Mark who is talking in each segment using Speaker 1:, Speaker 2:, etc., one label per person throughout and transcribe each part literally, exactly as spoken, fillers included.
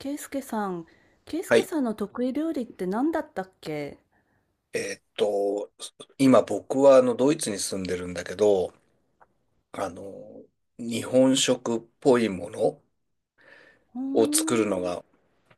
Speaker 1: ケイスケさん、ケイス
Speaker 2: は
Speaker 1: ケ
Speaker 2: い。
Speaker 1: さんの得意料理って何だったっけ？
Speaker 2: えーっと、今僕はあのドイツに住んでるんだけど、あの、日本食っぽいもの
Speaker 1: うー
Speaker 2: を作るの
Speaker 1: ん。
Speaker 2: が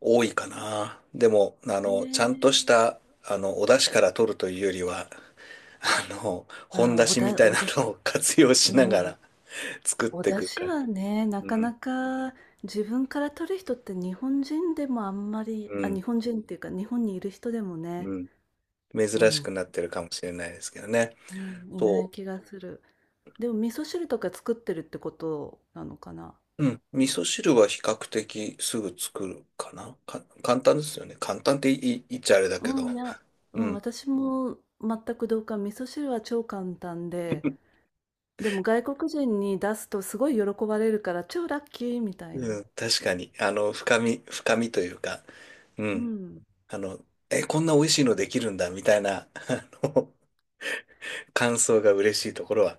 Speaker 2: 多いかな。でも、あ
Speaker 1: ね
Speaker 2: の、ちゃんとし
Speaker 1: えー。
Speaker 2: た、あの、お出汁から取るというよりは、あの、本
Speaker 1: あ、
Speaker 2: 出
Speaker 1: お
Speaker 2: 汁み
Speaker 1: だ、
Speaker 2: たい
Speaker 1: お
Speaker 2: な
Speaker 1: だ、
Speaker 2: のを活用し
Speaker 1: う
Speaker 2: なが
Speaker 1: ん。
Speaker 2: ら 作っ
Speaker 1: お
Speaker 2: てい
Speaker 1: 出
Speaker 2: くか
Speaker 1: 汁
Speaker 2: ら。
Speaker 1: はね、な
Speaker 2: う
Speaker 1: かな
Speaker 2: ん、
Speaker 1: か自分から取る人って日本人でもあんまり、
Speaker 2: う
Speaker 1: あ、
Speaker 2: ん、
Speaker 1: 日本人っていうか日本にいる人でもね、
Speaker 2: うん。
Speaker 1: う
Speaker 2: 珍しく
Speaker 1: ん、
Speaker 2: なってるかもしれないですけどね。
Speaker 1: うん、いな
Speaker 2: そ
Speaker 1: い
Speaker 2: う。
Speaker 1: 気がする。でも味噌汁とか作ってるってことなのかな？
Speaker 2: うん。味噌汁は比較的すぐ作るかな。か、簡単ですよね。簡単って言い、言っちゃあれだけ
Speaker 1: う
Speaker 2: ど。
Speaker 1: ん、いや、う
Speaker 2: う
Speaker 1: ん、
Speaker 2: ん。
Speaker 1: 私も全く同感。味噌汁は超簡単で、でも外国人に出すとすごい喜ばれるから超ラッキーみたい
Speaker 2: う
Speaker 1: な。
Speaker 2: ん。確かに。あの、深み、深みというか、う
Speaker 1: う
Speaker 2: ん。
Speaker 1: ん。
Speaker 2: あの、え、こんな美味しいのできるんだ、みたいな、あの、感想が嬉しいところは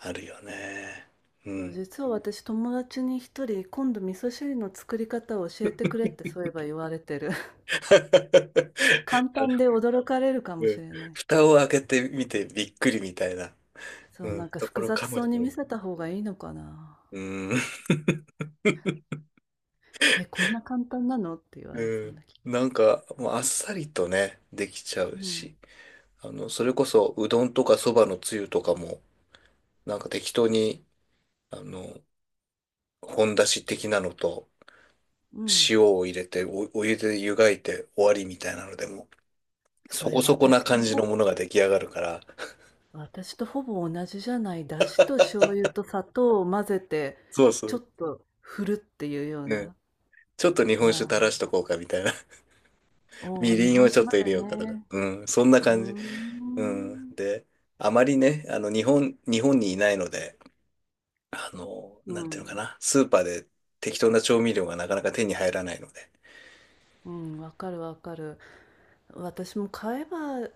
Speaker 2: あるよね。う
Speaker 1: そう、
Speaker 2: ん。
Speaker 1: 実は私友達に一人今度味噌汁の作り方を教えてくれってそういえば言われてる。簡
Speaker 2: あの
Speaker 1: 単で驚かれるか
Speaker 2: う
Speaker 1: もし
Speaker 2: ん、
Speaker 1: れない。
Speaker 2: 蓋を開けてみてびっくりみたいな、
Speaker 1: そう、
Speaker 2: う
Speaker 1: な
Speaker 2: ん、
Speaker 1: んか
Speaker 2: とこ
Speaker 1: 複
Speaker 2: ろ
Speaker 1: 雑
Speaker 2: かも
Speaker 1: そう
Speaker 2: し
Speaker 1: に
Speaker 2: れ
Speaker 1: 見
Speaker 2: ない。
Speaker 1: せた方がいいのかな。
Speaker 2: うん。
Speaker 1: え、こんな簡単なのって言われそ
Speaker 2: う
Speaker 1: う
Speaker 2: ん。
Speaker 1: な気。
Speaker 2: なんか、もうあっさりとね、できちゃ
Speaker 1: う
Speaker 2: うし、
Speaker 1: ん。
Speaker 2: あの、それこそ、うどんとかそばのつゆとかも、なんか適当に、あの、本だし的なのと、
Speaker 1: うん。
Speaker 2: 塩を入れて、お、お湯で湯がいて終わりみたいなのでも、
Speaker 1: そ
Speaker 2: そ
Speaker 1: れ
Speaker 2: こそこな
Speaker 1: 私と
Speaker 2: 感じの
Speaker 1: ほ、
Speaker 2: ものが出来上がるから、
Speaker 1: 私とほぼ同じじゃない。だしと醤油と砂糖を混ぜて、
Speaker 2: そうそ
Speaker 1: ちょ
Speaker 2: う。
Speaker 1: っと振るっていうよう
Speaker 2: ね。
Speaker 1: な。
Speaker 2: ちょっと日本酒垂ら
Speaker 1: あ
Speaker 2: しとこうかみたいな。
Speaker 1: あ、お
Speaker 2: み
Speaker 1: お、日
Speaker 2: りんを
Speaker 1: 本
Speaker 2: ちょ
Speaker 1: 酒
Speaker 2: っ
Speaker 1: ま
Speaker 2: と入
Speaker 1: で
Speaker 2: れようかとか。
Speaker 1: ね。
Speaker 2: うん、そんな
Speaker 1: うー
Speaker 2: 感じ。うん。
Speaker 1: ん。
Speaker 2: で、あまりね、あの、日本、日本にいないので、あの、
Speaker 1: う
Speaker 2: なんていうのか
Speaker 1: ん。
Speaker 2: な、スーパーで適当な調味料がなかなか手に入らないので。
Speaker 1: うん、わかるわかる。私も買えば、い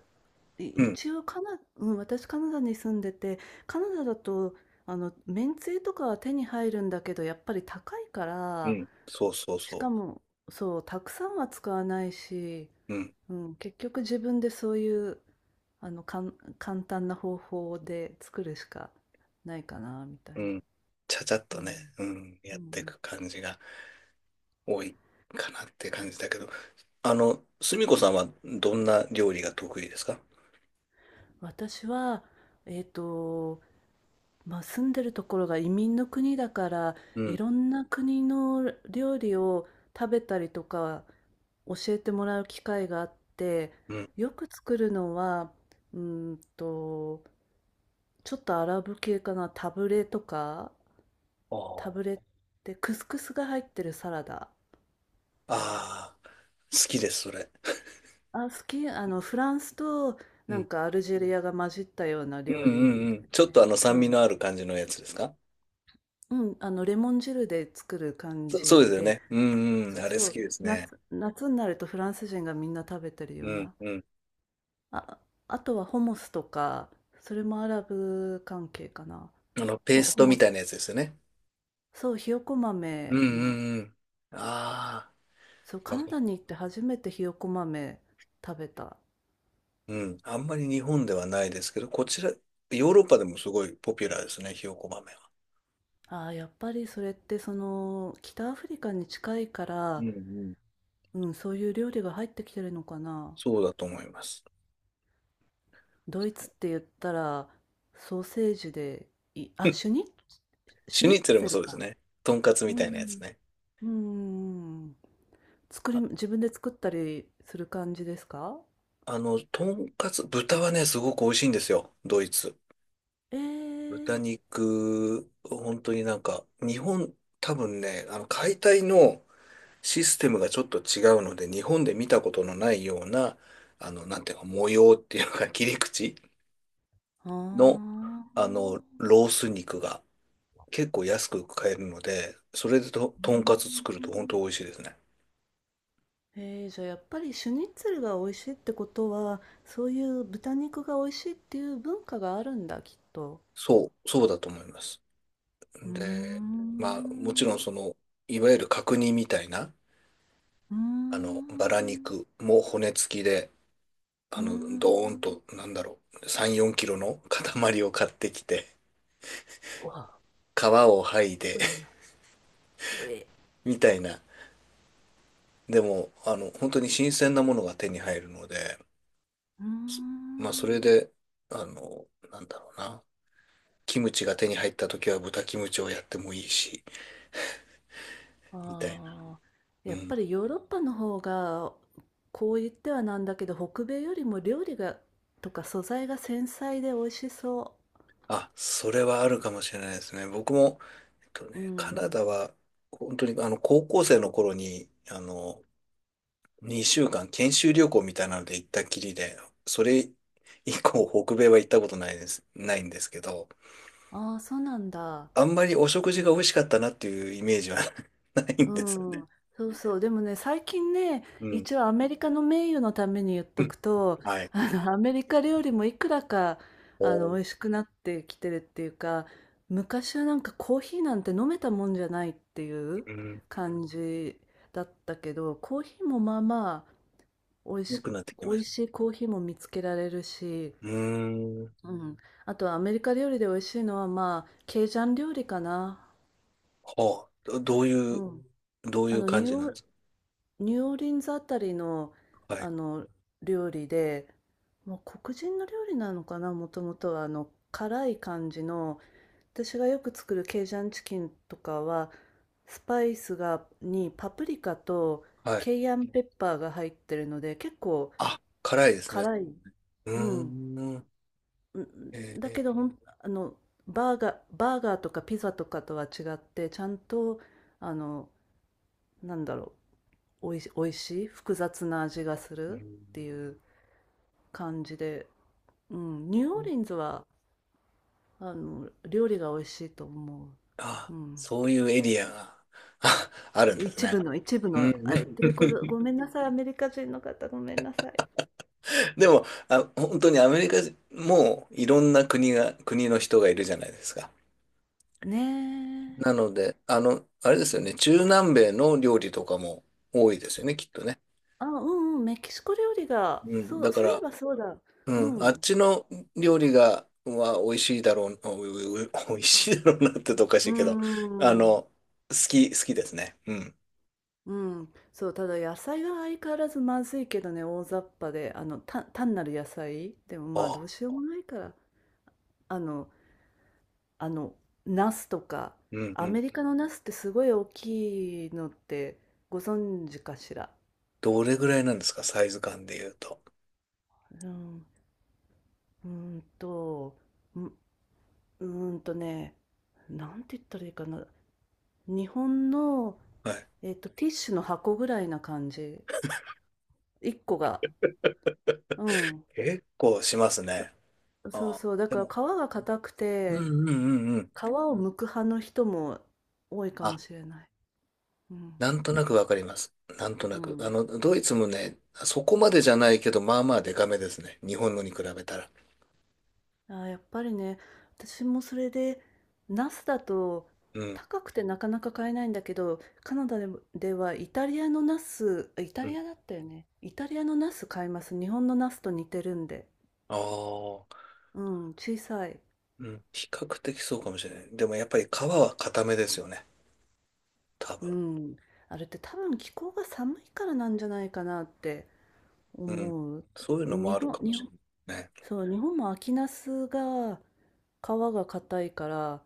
Speaker 2: うん、
Speaker 1: 一応カナ、うん、私カナダに住んでて、カナダだと、あの、めんつゆとかは手に入るんだけど、やっぱり高いか
Speaker 2: う
Speaker 1: ら、
Speaker 2: ん、そうそう
Speaker 1: しか
Speaker 2: そ
Speaker 1: も、そう、たくさんは使わないし、
Speaker 2: う。うん、
Speaker 1: うん、結局自分でそういう、あの、かん、簡単な方法で作るしかないかな、みたい
Speaker 2: う
Speaker 1: に。
Speaker 2: ん。ちゃちゃっ
Speaker 1: う
Speaker 2: とね、
Speaker 1: ん。
Speaker 2: うん、
Speaker 1: う
Speaker 2: やってい
Speaker 1: ん
Speaker 2: く感じが多いかなって感じだけど。あの、すみこさんはどんな料理が得意ですか？
Speaker 1: 私は、えっと、まあ、住んでるところが移民の国だから、
Speaker 2: う
Speaker 1: い
Speaker 2: ん、
Speaker 1: ろんな国の料理を食べたりとか教えてもらう機会があって、
Speaker 2: うん。
Speaker 1: よく作るのは、うーんと、ちょっとアラブ系かな、タブレとか、
Speaker 2: あ
Speaker 1: タ
Speaker 2: ー
Speaker 1: ブレってクスクスが入ってるサラダ。
Speaker 2: あー、好きです、それ。
Speaker 1: あ、好き、あの、フランスと
Speaker 2: う
Speaker 1: なん
Speaker 2: ん、
Speaker 1: かアルジェリアが混じったような
Speaker 2: う
Speaker 1: 料
Speaker 2: ん、うん
Speaker 1: 理
Speaker 2: う
Speaker 1: だよ
Speaker 2: ん。ちょっとあ
Speaker 1: ね。
Speaker 2: の
Speaker 1: う
Speaker 2: 酸味の
Speaker 1: ん。
Speaker 2: ある感じのやつですか？
Speaker 1: うん、あの、レモン汁で作る感
Speaker 2: そ、そうで
Speaker 1: じ
Speaker 2: すよ
Speaker 1: で、
Speaker 2: ね。うん、うん、
Speaker 1: そう
Speaker 2: あれ好
Speaker 1: そ
Speaker 2: き
Speaker 1: う、
Speaker 2: ですね。
Speaker 1: 夏、夏になるとフランス人がみんな食べてるよ
Speaker 2: う
Speaker 1: う
Speaker 2: ん、
Speaker 1: な。
Speaker 2: うん。
Speaker 1: あ、あとはホモスとか、それもアラブ関係かな。
Speaker 2: あの、ペー
Speaker 1: ホ、
Speaker 2: ス
Speaker 1: ホ
Speaker 2: トみ
Speaker 1: モ
Speaker 2: た
Speaker 1: ス。
Speaker 2: いなやつですよね。
Speaker 1: そう、ひよこ
Speaker 2: うん
Speaker 1: 豆の、
Speaker 2: うんうん。あ
Speaker 1: そう、
Speaker 2: あ、
Speaker 1: カ
Speaker 2: わ
Speaker 1: ナ
Speaker 2: かる。
Speaker 1: ダに行って初めてひよこ豆食べた。
Speaker 2: うん。あんまり日本ではないですけど、こちら、ヨーロッパでもすごいポピュラーですね、ひよこ豆は。
Speaker 1: ああ、やっぱりそれってその、北アフリカに近いか
Speaker 2: う
Speaker 1: ら、
Speaker 2: んうん。
Speaker 1: うん、そういう料理が入ってきてるのかな。
Speaker 2: そうだと思います。
Speaker 1: ドイツって言ったらソーセージでい、あ、シュ ニッ、シ
Speaker 2: シュ
Speaker 1: ュ
Speaker 2: ニ
Speaker 1: ニッ
Speaker 2: ッツェル
Speaker 1: ツ
Speaker 2: も
Speaker 1: ェ
Speaker 2: そ
Speaker 1: ル
Speaker 2: うです
Speaker 1: か。
Speaker 2: ね。とんかつ
Speaker 1: う
Speaker 2: みたいなや
Speaker 1: ん。
Speaker 2: つね。
Speaker 1: うん。作り、自分で作ったりする感じですか？
Speaker 2: あの、とんかつ、豚はね、すごく美味しいんですよ、ドイツ。
Speaker 1: え
Speaker 2: 豚
Speaker 1: え
Speaker 2: 肉、本当になんか、日本、多分ね、あの、解体のシステムがちょっと違うので、日本で見たことのないような、あの、なんていうか、模様っていうのか、切り口の、
Speaker 1: ああ
Speaker 2: あの、
Speaker 1: ー。
Speaker 2: ロース肉が結構安く買えるので、それでと、
Speaker 1: う
Speaker 2: とんかつ作ると本
Speaker 1: ん
Speaker 2: 当美味しいですね。
Speaker 1: えー、じゃあやっぱりシュニッツェルが美味しいってことは、そういう豚肉が美味しいっていう文化があるんだ、きっと。
Speaker 2: そう、そうだと思います。
Speaker 1: うー
Speaker 2: で、まあ、もちろん
Speaker 1: ん。
Speaker 2: その、いわゆる角煮みたいな、
Speaker 1: うー
Speaker 2: あの、バラ
Speaker 1: ん。
Speaker 2: 肉も骨付きで、あ
Speaker 1: うー
Speaker 2: の、ドーン
Speaker 1: ん。
Speaker 2: と、なんだろう、さん、よんキロの塊を買ってきて、
Speaker 1: うわ、
Speaker 2: 皮を剥いで
Speaker 1: え
Speaker 2: みたいな。でも、あの、本当に新鮮なものが手に入るので、
Speaker 1: うー
Speaker 2: まあ、それ
Speaker 1: ん
Speaker 2: で、あの、なんだろうな。キムチが手に入った時は豚キムチをやってもいいし、みたい
Speaker 1: ああ、
Speaker 2: な。う
Speaker 1: やっぱ
Speaker 2: ん。
Speaker 1: りヨーロッパの方がこう言ってはなんだけど北米よりも料理がとか素材が繊細で美味しそ
Speaker 2: あ、それはあるかもしれないですね。僕も、えっと
Speaker 1: う。う
Speaker 2: ね、カナ
Speaker 1: ん。
Speaker 2: ダは、本当にあの、高校生の頃に、あの、にしゅうかん研修旅行みたいなので行ったきりで、それ以降北米は行ったことないです、ないんですけど、
Speaker 1: ああ、そうなんだ。
Speaker 2: あんまりお食事が美味しかったなっていうイメージは ないん
Speaker 1: う
Speaker 2: ですよね。
Speaker 1: ん、そうそう。でもね、最近ね、
Speaker 2: うん。
Speaker 1: 一応アメリカの名誉のために言っ
Speaker 2: う
Speaker 1: と
Speaker 2: ん、
Speaker 1: くと、
Speaker 2: はい。
Speaker 1: あの、アメリカ料理もいくらか、
Speaker 2: お
Speaker 1: あの、
Speaker 2: ー、
Speaker 1: 美味しくなってきてるっていうか、昔はなんかコーヒーなんて飲めたもんじゃないっていう
Speaker 2: うん。
Speaker 1: 感じだったけど、コーヒーもまあまあ、美味
Speaker 2: 良
Speaker 1: し、
Speaker 2: くなってき
Speaker 1: 美
Speaker 2: まし
Speaker 1: 味
Speaker 2: た。
Speaker 1: しいコーヒーも見つけられるし、
Speaker 2: うーん。
Speaker 1: うん。あとはアメリカ料理で美味しいのはまあ、ケイジャン料理かな。
Speaker 2: はあ、どどうい
Speaker 1: う
Speaker 2: う
Speaker 1: ん。
Speaker 2: どうい
Speaker 1: あ
Speaker 2: う
Speaker 1: の、
Speaker 2: 感
Speaker 1: ニュ
Speaker 2: じ
Speaker 1: ー
Speaker 2: なん
Speaker 1: オ
Speaker 2: で
Speaker 1: ー
Speaker 2: す
Speaker 1: ニューオーリンズあたりの、
Speaker 2: か？は
Speaker 1: あ
Speaker 2: い。
Speaker 1: の料理で、もう黒人の料理なのかな、もともとはあの辛い感じの、私がよく作るケイジャンチキンとかはスパイスがに、パプリカと
Speaker 2: はい。
Speaker 1: ケイアンペッパーが入ってるので結構
Speaker 2: あ、辛いですね。
Speaker 1: 辛い、
Speaker 2: う
Speaker 1: うん、
Speaker 2: ーん。
Speaker 1: うん
Speaker 2: え
Speaker 1: だ
Speaker 2: ー、
Speaker 1: けどほんあのバーガー、バーガーとかピザとかとは違ってちゃんと、あの、なんだろう、おいし、おいしい複雑な味がするって
Speaker 2: う
Speaker 1: いう。感じで、うん、ニューオ
Speaker 2: ー
Speaker 1: ー
Speaker 2: ん、
Speaker 1: リンズは、あの、料理が美味しいと思う。
Speaker 2: あ、
Speaker 1: うん。
Speaker 2: そういうエリアが ああるんです
Speaker 1: 一
Speaker 2: ね。
Speaker 1: 部の、一部
Speaker 2: う
Speaker 1: の、
Speaker 2: ん。
Speaker 1: あ、ってい うこと、ごめんなさい、アメリカ人の方、ごめんなさい。
Speaker 2: でも、あ、本当にアメリカもいろんな国が、国の人がいるじゃないですか。
Speaker 1: ね
Speaker 2: な
Speaker 1: え。
Speaker 2: ので、あの、あれですよね、中南米の料理とかも多いですよね、きっとね。
Speaker 1: あ、うんうん、メキシコ料理が、
Speaker 2: うん。
Speaker 1: そ
Speaker 2: だ
Speaker 1: う、
Speaker 2: か
Speaker 1: そういえ
Speaker 2: ら、
Speaker 1: ばそうだ。
Speaker 2: う
Speaker 1: う
Speaker 2: ん、あっ
Speaker 1: ん。
Speaker 2: ちの料理が、は美味しいだろう、おおお美味しいだろうなってとおかし
Speaker 1: う
Speaker 2: いけど、あ
Speaker 1: ん。
Speaker 2: の、好き、好きですね。うん。
Speaker 1: うん。そう、ただ野菜が相変わらずまずいけどね、大雑把で、あの、た単なる野菜でもまあどう
Speaker 2: あ、
Speaker 1: しようもないから、あの、あの、ナスとか、
Speaker 2: うん
Speaker 1: ア
Speaker 2: うん。
Speaker 1: メリカのナスってすごい大きいのってご存知かしら。
Speaker 2: どれぐらいなんですか、サイズ感で言うと。
Speaker 1: うん、うーんとう、うーんとね、なんて言ったらいいかな。日本の、
Speaker 2: はい。
Speaker 1: えっと、ティッシュの箱ぐらいな感じ。いっこが。うん。
Speaker 2: 結構しますね。
Speaker 1: そそう
Speaker 2: あ、
Speaker 1: そう。だ
Speaker 2: で
Speaker 1: から皮
Speaker 2: も、
Speaker 1: が硬く
Speaker 2: う
Speaker 1: て、
Speaker 2: んうんうんうん。
Speaker 1: 皮を剥く派の人も多いかも
Speaker 2: あ、
Speaker 1: しれない。うん。
Speaker 2: なんとなくわかります。なんと
Speaker 1: う
Speaker 2: なく。あ
Speaker 1: ん。
Speaker 2: の、ドイツもね、そこまでじゃないけど、まあまあデカめですね。日本のに比べたら。
Speaker 1: あーやっぱりね、私もそれで、ナスだと
Speaker 2: うん。
Speaker 1: 高くてなかなか買えないんだけど、カナダでも、ではイタリアのナス、あイタ
Speaker 2: う
Speaker 1: リ
Speaker 2: ん。
Speaker 1: アだったよね。イタリアのナス買います。日本のナスと似てるんで。
Speaker 2: ああ。
Speaker 1: うん、小さい。
Speaker 2: うん。比較的そうかもしれない。でもやっぱり皮は固めですよね。多分。
Speaker 1: うん。あれって多分気候が寒いからなんじゃないかなって
Speaker 2: うん。
Speaker 1: 思う。
Speaker 2: そういうのも
Speaker 1: 日
Speaker 2: ある
Speaker 1: 本、
Speaker 2: かも
Speaker 1: 日
Speaker 2: しれ
Speaker 1: 本、
Speaker 2: ないね。
Speaker 1: そう、日本も秋ナスが皮が硬いから、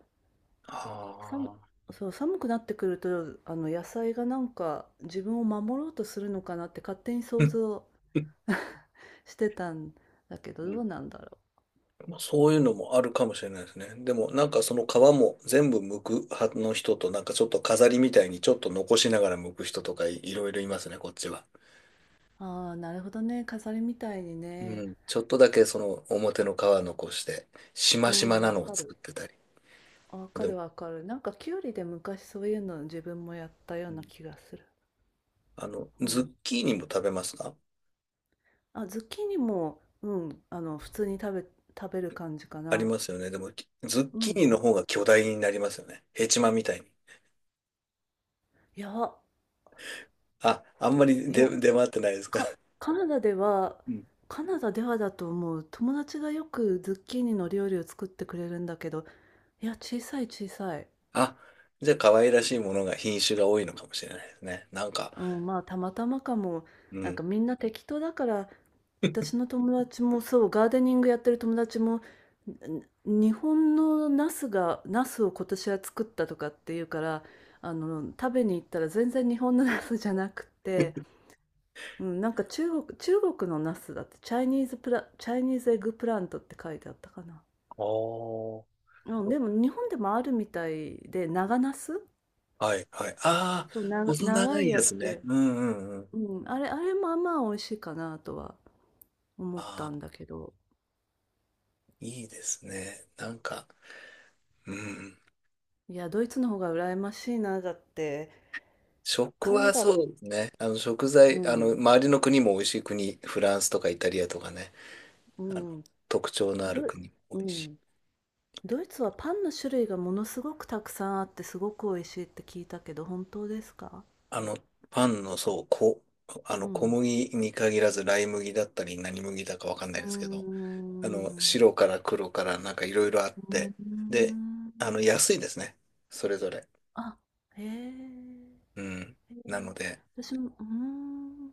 Speaker 1: さん
Speaker 2: はあ。
Speaker 1: そう、寒くなってくると、あの野菜がなんか自分を守ろうとするのかなって勝手に
Speaker 2: う
Speaker 1: 想
Speaker 2: ん
Speaker 1: 像
Speaker 2: うん
Speaker 1: してたんだけど、
Speaker 2: う
Speaker 1: ど
Speaker 2: ん、
Speaker 1: うなんだろ
Speaker 2: まあそういうのもあるかもしれないですね。でもなんかその皮も全部剥く派の人となんかちょっと飾りみたいにちょっと残しながら剥く人とかい、いろいろいますね、こっちは。
Speaker 1: う。ああ、なるほどね。飾りみたいに
Speaker 2: う
Speaker 1: ね。
Speaker 2: ん。ちょっとだけその表の皮残して、し
Speaker 1: う
Speaker 2: ましま
Speaker 1: ん、
Speaker 2: な
Speaker 1: わ
Speaker 2: のを
Speaker 1: か
Speaker 2: 作
Speaker 1: る。
Speaker 2: ってたり。
Speaker 1: わ
Speaker 2: で
Speaker 1: か
Speaker 2: も、
Speaker 1: るわかる。なんかキュウリで昔そういうの自分もやったよ
Speaker 2: う
Speaker 1: うな
Speaker 2: ん、
Speaker 1: 気がする。
Speaker 2: あの、
Speaker 1: う
Speaker 2: ズ
Speaker 1: ん。
Speaker 2: ッキーニも食べますか？
Speaker 1: あ、ズッキーニも、うん、あの、普通に食べ、食べる感じか
Speaker 2: あり
Speaker 1: な。
Speaker 2: ますよね。でも、きズッ
Speaker 1: う
Speaker 2: キー
Speaker 1: ん。
Speaker 2: ニの方が巨大になりますよね。ヘチマみたいに。
Speaker 1: いや、
Speaker 2: あ、あんま
Speaker 1: ほ
Speaker 2: り
Speaker 1: いや、
Speaker 2: 出、出回ってないですか？
Speaker 1: かカナダでは、
Speaker 2: うん。
Speaker 1: カナダではだと思う。友達がよくズッキーニの料理を作ってくれるんだけど、いや、小さい小さい。
Speaker 2: あ、じゃあ可愛らしいものが品種が多いのかもしれないですね。なんか、
Speaker 1: うん、まあ、たまたまかも。
Speaker 2: う
Speaker 1: なん
Speaker 2: ん。
Speaker 1: かみんな適当だから、私の友達もそう、ガーデニングやってる友達も、ん日本のナスが、ナスを今年は作ったとかっていうから、あの、食べに行ったら全然日本のナスじゃなくて、うん、なんか中国、中国のナスだって、チャイニーズプラ、チャイニーズエッグプラントって書いてあったかな。
Speaker 2: あー
Speaker 1: うん、
Speaker 2: よ、
Speaker 1: でも日本でもあるみたいで、長茄子？
Speaker 2: はいはい。ああ、
Speaker 1: そう、な
Speaker 2: 細
Speaker 1: 長
Speaker 2: 長
Speaker 1: い
Speaker 2: いや
Speaker 1: や
Speaker 2: つ
Speaker 1: つ
Speaker 2: ね。
Speaker 1: で、
Speaker 2: うんうんうん。
Speaker 1: うん、あれあれもまあまあ美味しいかなとは思った
Speaker 2: ああ、
Speaker 1: んだけど、
Speaker 2: いいですね。なんか、うん。
Speaker 1: いや、ドイツの方が羨ましいな、だって、
Speaker 2: 食
Speaker 1: カナ
Speaker 2: は
Speaker 1: ダ、
Speaker 2: そうですね。あの食
Speaker 1: う
Speaker 2: 材、あの、
Speaker 1: ん、
Speaker 2: 周りの国も美味しい国、フランスとかイタリアとかね、
Speaker 1: う
Speaker 2: あの、
Speaker 1: ん、
Speaker 2: 特徴のあ
Speaker 1: ど、
Speaker 2: る国も多
Speaker 1: う
Speaker 2: いし。
Speaker 1: ん、ドイツはパンの種類がものすごくたくさんあってすごく美味しいって聞いたけど、本当ですか？
Speaker 2: あの、パンの、そう、こ、あ
Speaker 1: う
Speaker 2: の、小
Speaker 1: ん。
Speaker 2: 麦に限らず、ライ麦だったり、何麦だかわかんない
Speaker 1: う
Speaker 2: で
Speaker 1: ー
Speaker 2: すけど、あの、
Speaker 1: ん。
Speaker 2: 白
Speaker 1: う
Speaker 2: から黒から、なんかいろいろあっ
Speaker 1: ー
Speaker 2: て、で、あの、
Speaker 1: ん。
Speaker 2: 安いですね。それぞれ。
Speaker 1: あ、へえ。
Speaker 2: うん。
Speaker 1: へえ、
Speaker 2: なので、
Speaker 1: 私も、うーん、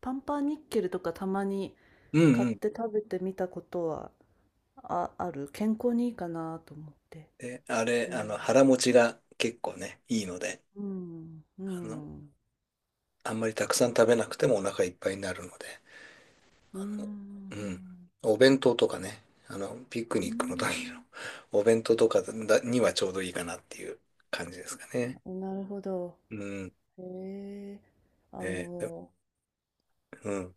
Speaker 1: パンパンニッケルとかたまに
Speaker 2: うん
Speaker 1: 買っ
Speaker 2: うん。
Speaker 1: て食べてみたことはあ、ある。健康にいいかなと思って。
Speaker 2: で、あれ、
Speaker 1: う
Speaker 2: あ
Speaker 1: ん。
Speaker 2: の、腹持ちが結構ね、いいので、
Speaker 1: うん。う
Speaker 2: あの、
Speaker 1: ん。
Speaker 2: あんまりたくさん食べなくてもお腹いっぱいになるので、
Speaker 1: う
Speaker 2: うん。
Speaker 1: ん。
Speaker 2: お弁当とかね、あの、ピク
Speaker 1: う
Speaker 2: ニックの時の
Speaker 1: ん。
Speaker 2: お弁当とかだにはちょうどいいかなっていう感じですかね。
Speaker 1: なるほど。
Speaker 2: うん。
Speaker 1: へえ。あ
Speaker 2: ね、で、
Speaker 1: の、
Speaker 2: うん。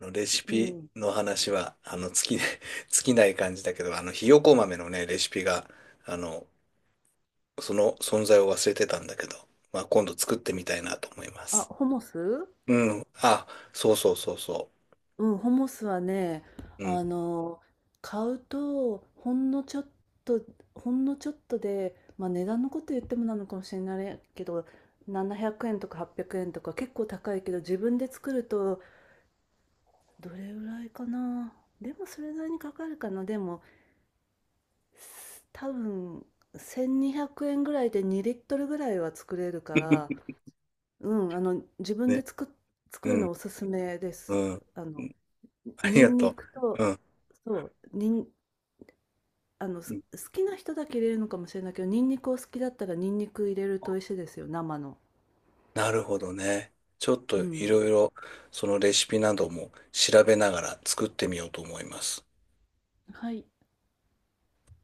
Speaker 2: あの、レシ
Speaker 1: う
Speaker 2: ピ
Speaker 1: ん。
Speaker 2: の話は、あの、尽きない、尽きない感じだけど、あの、ひよこ豆のね、レシピが、あの、その存在を忘れてたんだけど、まあ、今度作ってみたいなと思いま
Speaker 1: あ、
Speaker 2: す。
Speaker 1: ホモス。
Speaker 2: うん。あ、そうそうそうそ
Speaker 1: うん、ホモスはね、
Speaker 2: う。う
Speaker 1: あ
Speaker 2: ん。
Speaker 1: の、買うと、ほんのちょっと、ほんのちょっとで、まあ値段のこと言ってもなのかもしれないけど、ななひゃくえんとかはっぴゃくえんとか結構高いけど、自分で作ると、どれぐらいかな。でもそれなりにかかるかな。でも、す多分、せんにひゃくえんぐらいでにリットルぐらいは作れるから、うん、あの、自分で
Speaker 2: ね。
Speaker 1: 作っ、作る
Speaker 2: う
Speaker 1: の
Speaker 2: ん。
Speaker 1: おすすめです。
Speaker 2: うん。
Speaker 1: あの、
Speaker 2: あり
Speaker 1: ニ
Speaker 2: が
Speaker 1: ンニ
Speaker 2: と
Speaker 1: ク
Speaker 2: う。
Speaker 1: と、
Speaker 2: うん。
Speaker 1: そう、にん、あの、
Speaker 2: う
Speaker 1: す
Speaker 2: ん、
Speaker 1: 好きな人だけ入れるのかもしれないけど、ニンニクを好きだったらニンニク入れると美味しいですよ、生の。
Speaker 2: なるほどね。ちょっ
Speaker 1: う
Speaker 2: とい
Speaker 1: ん。
Speaker 2: ろいろ、そのレシピなども調べながら作ってみようと思います。
Speaker 1: はい。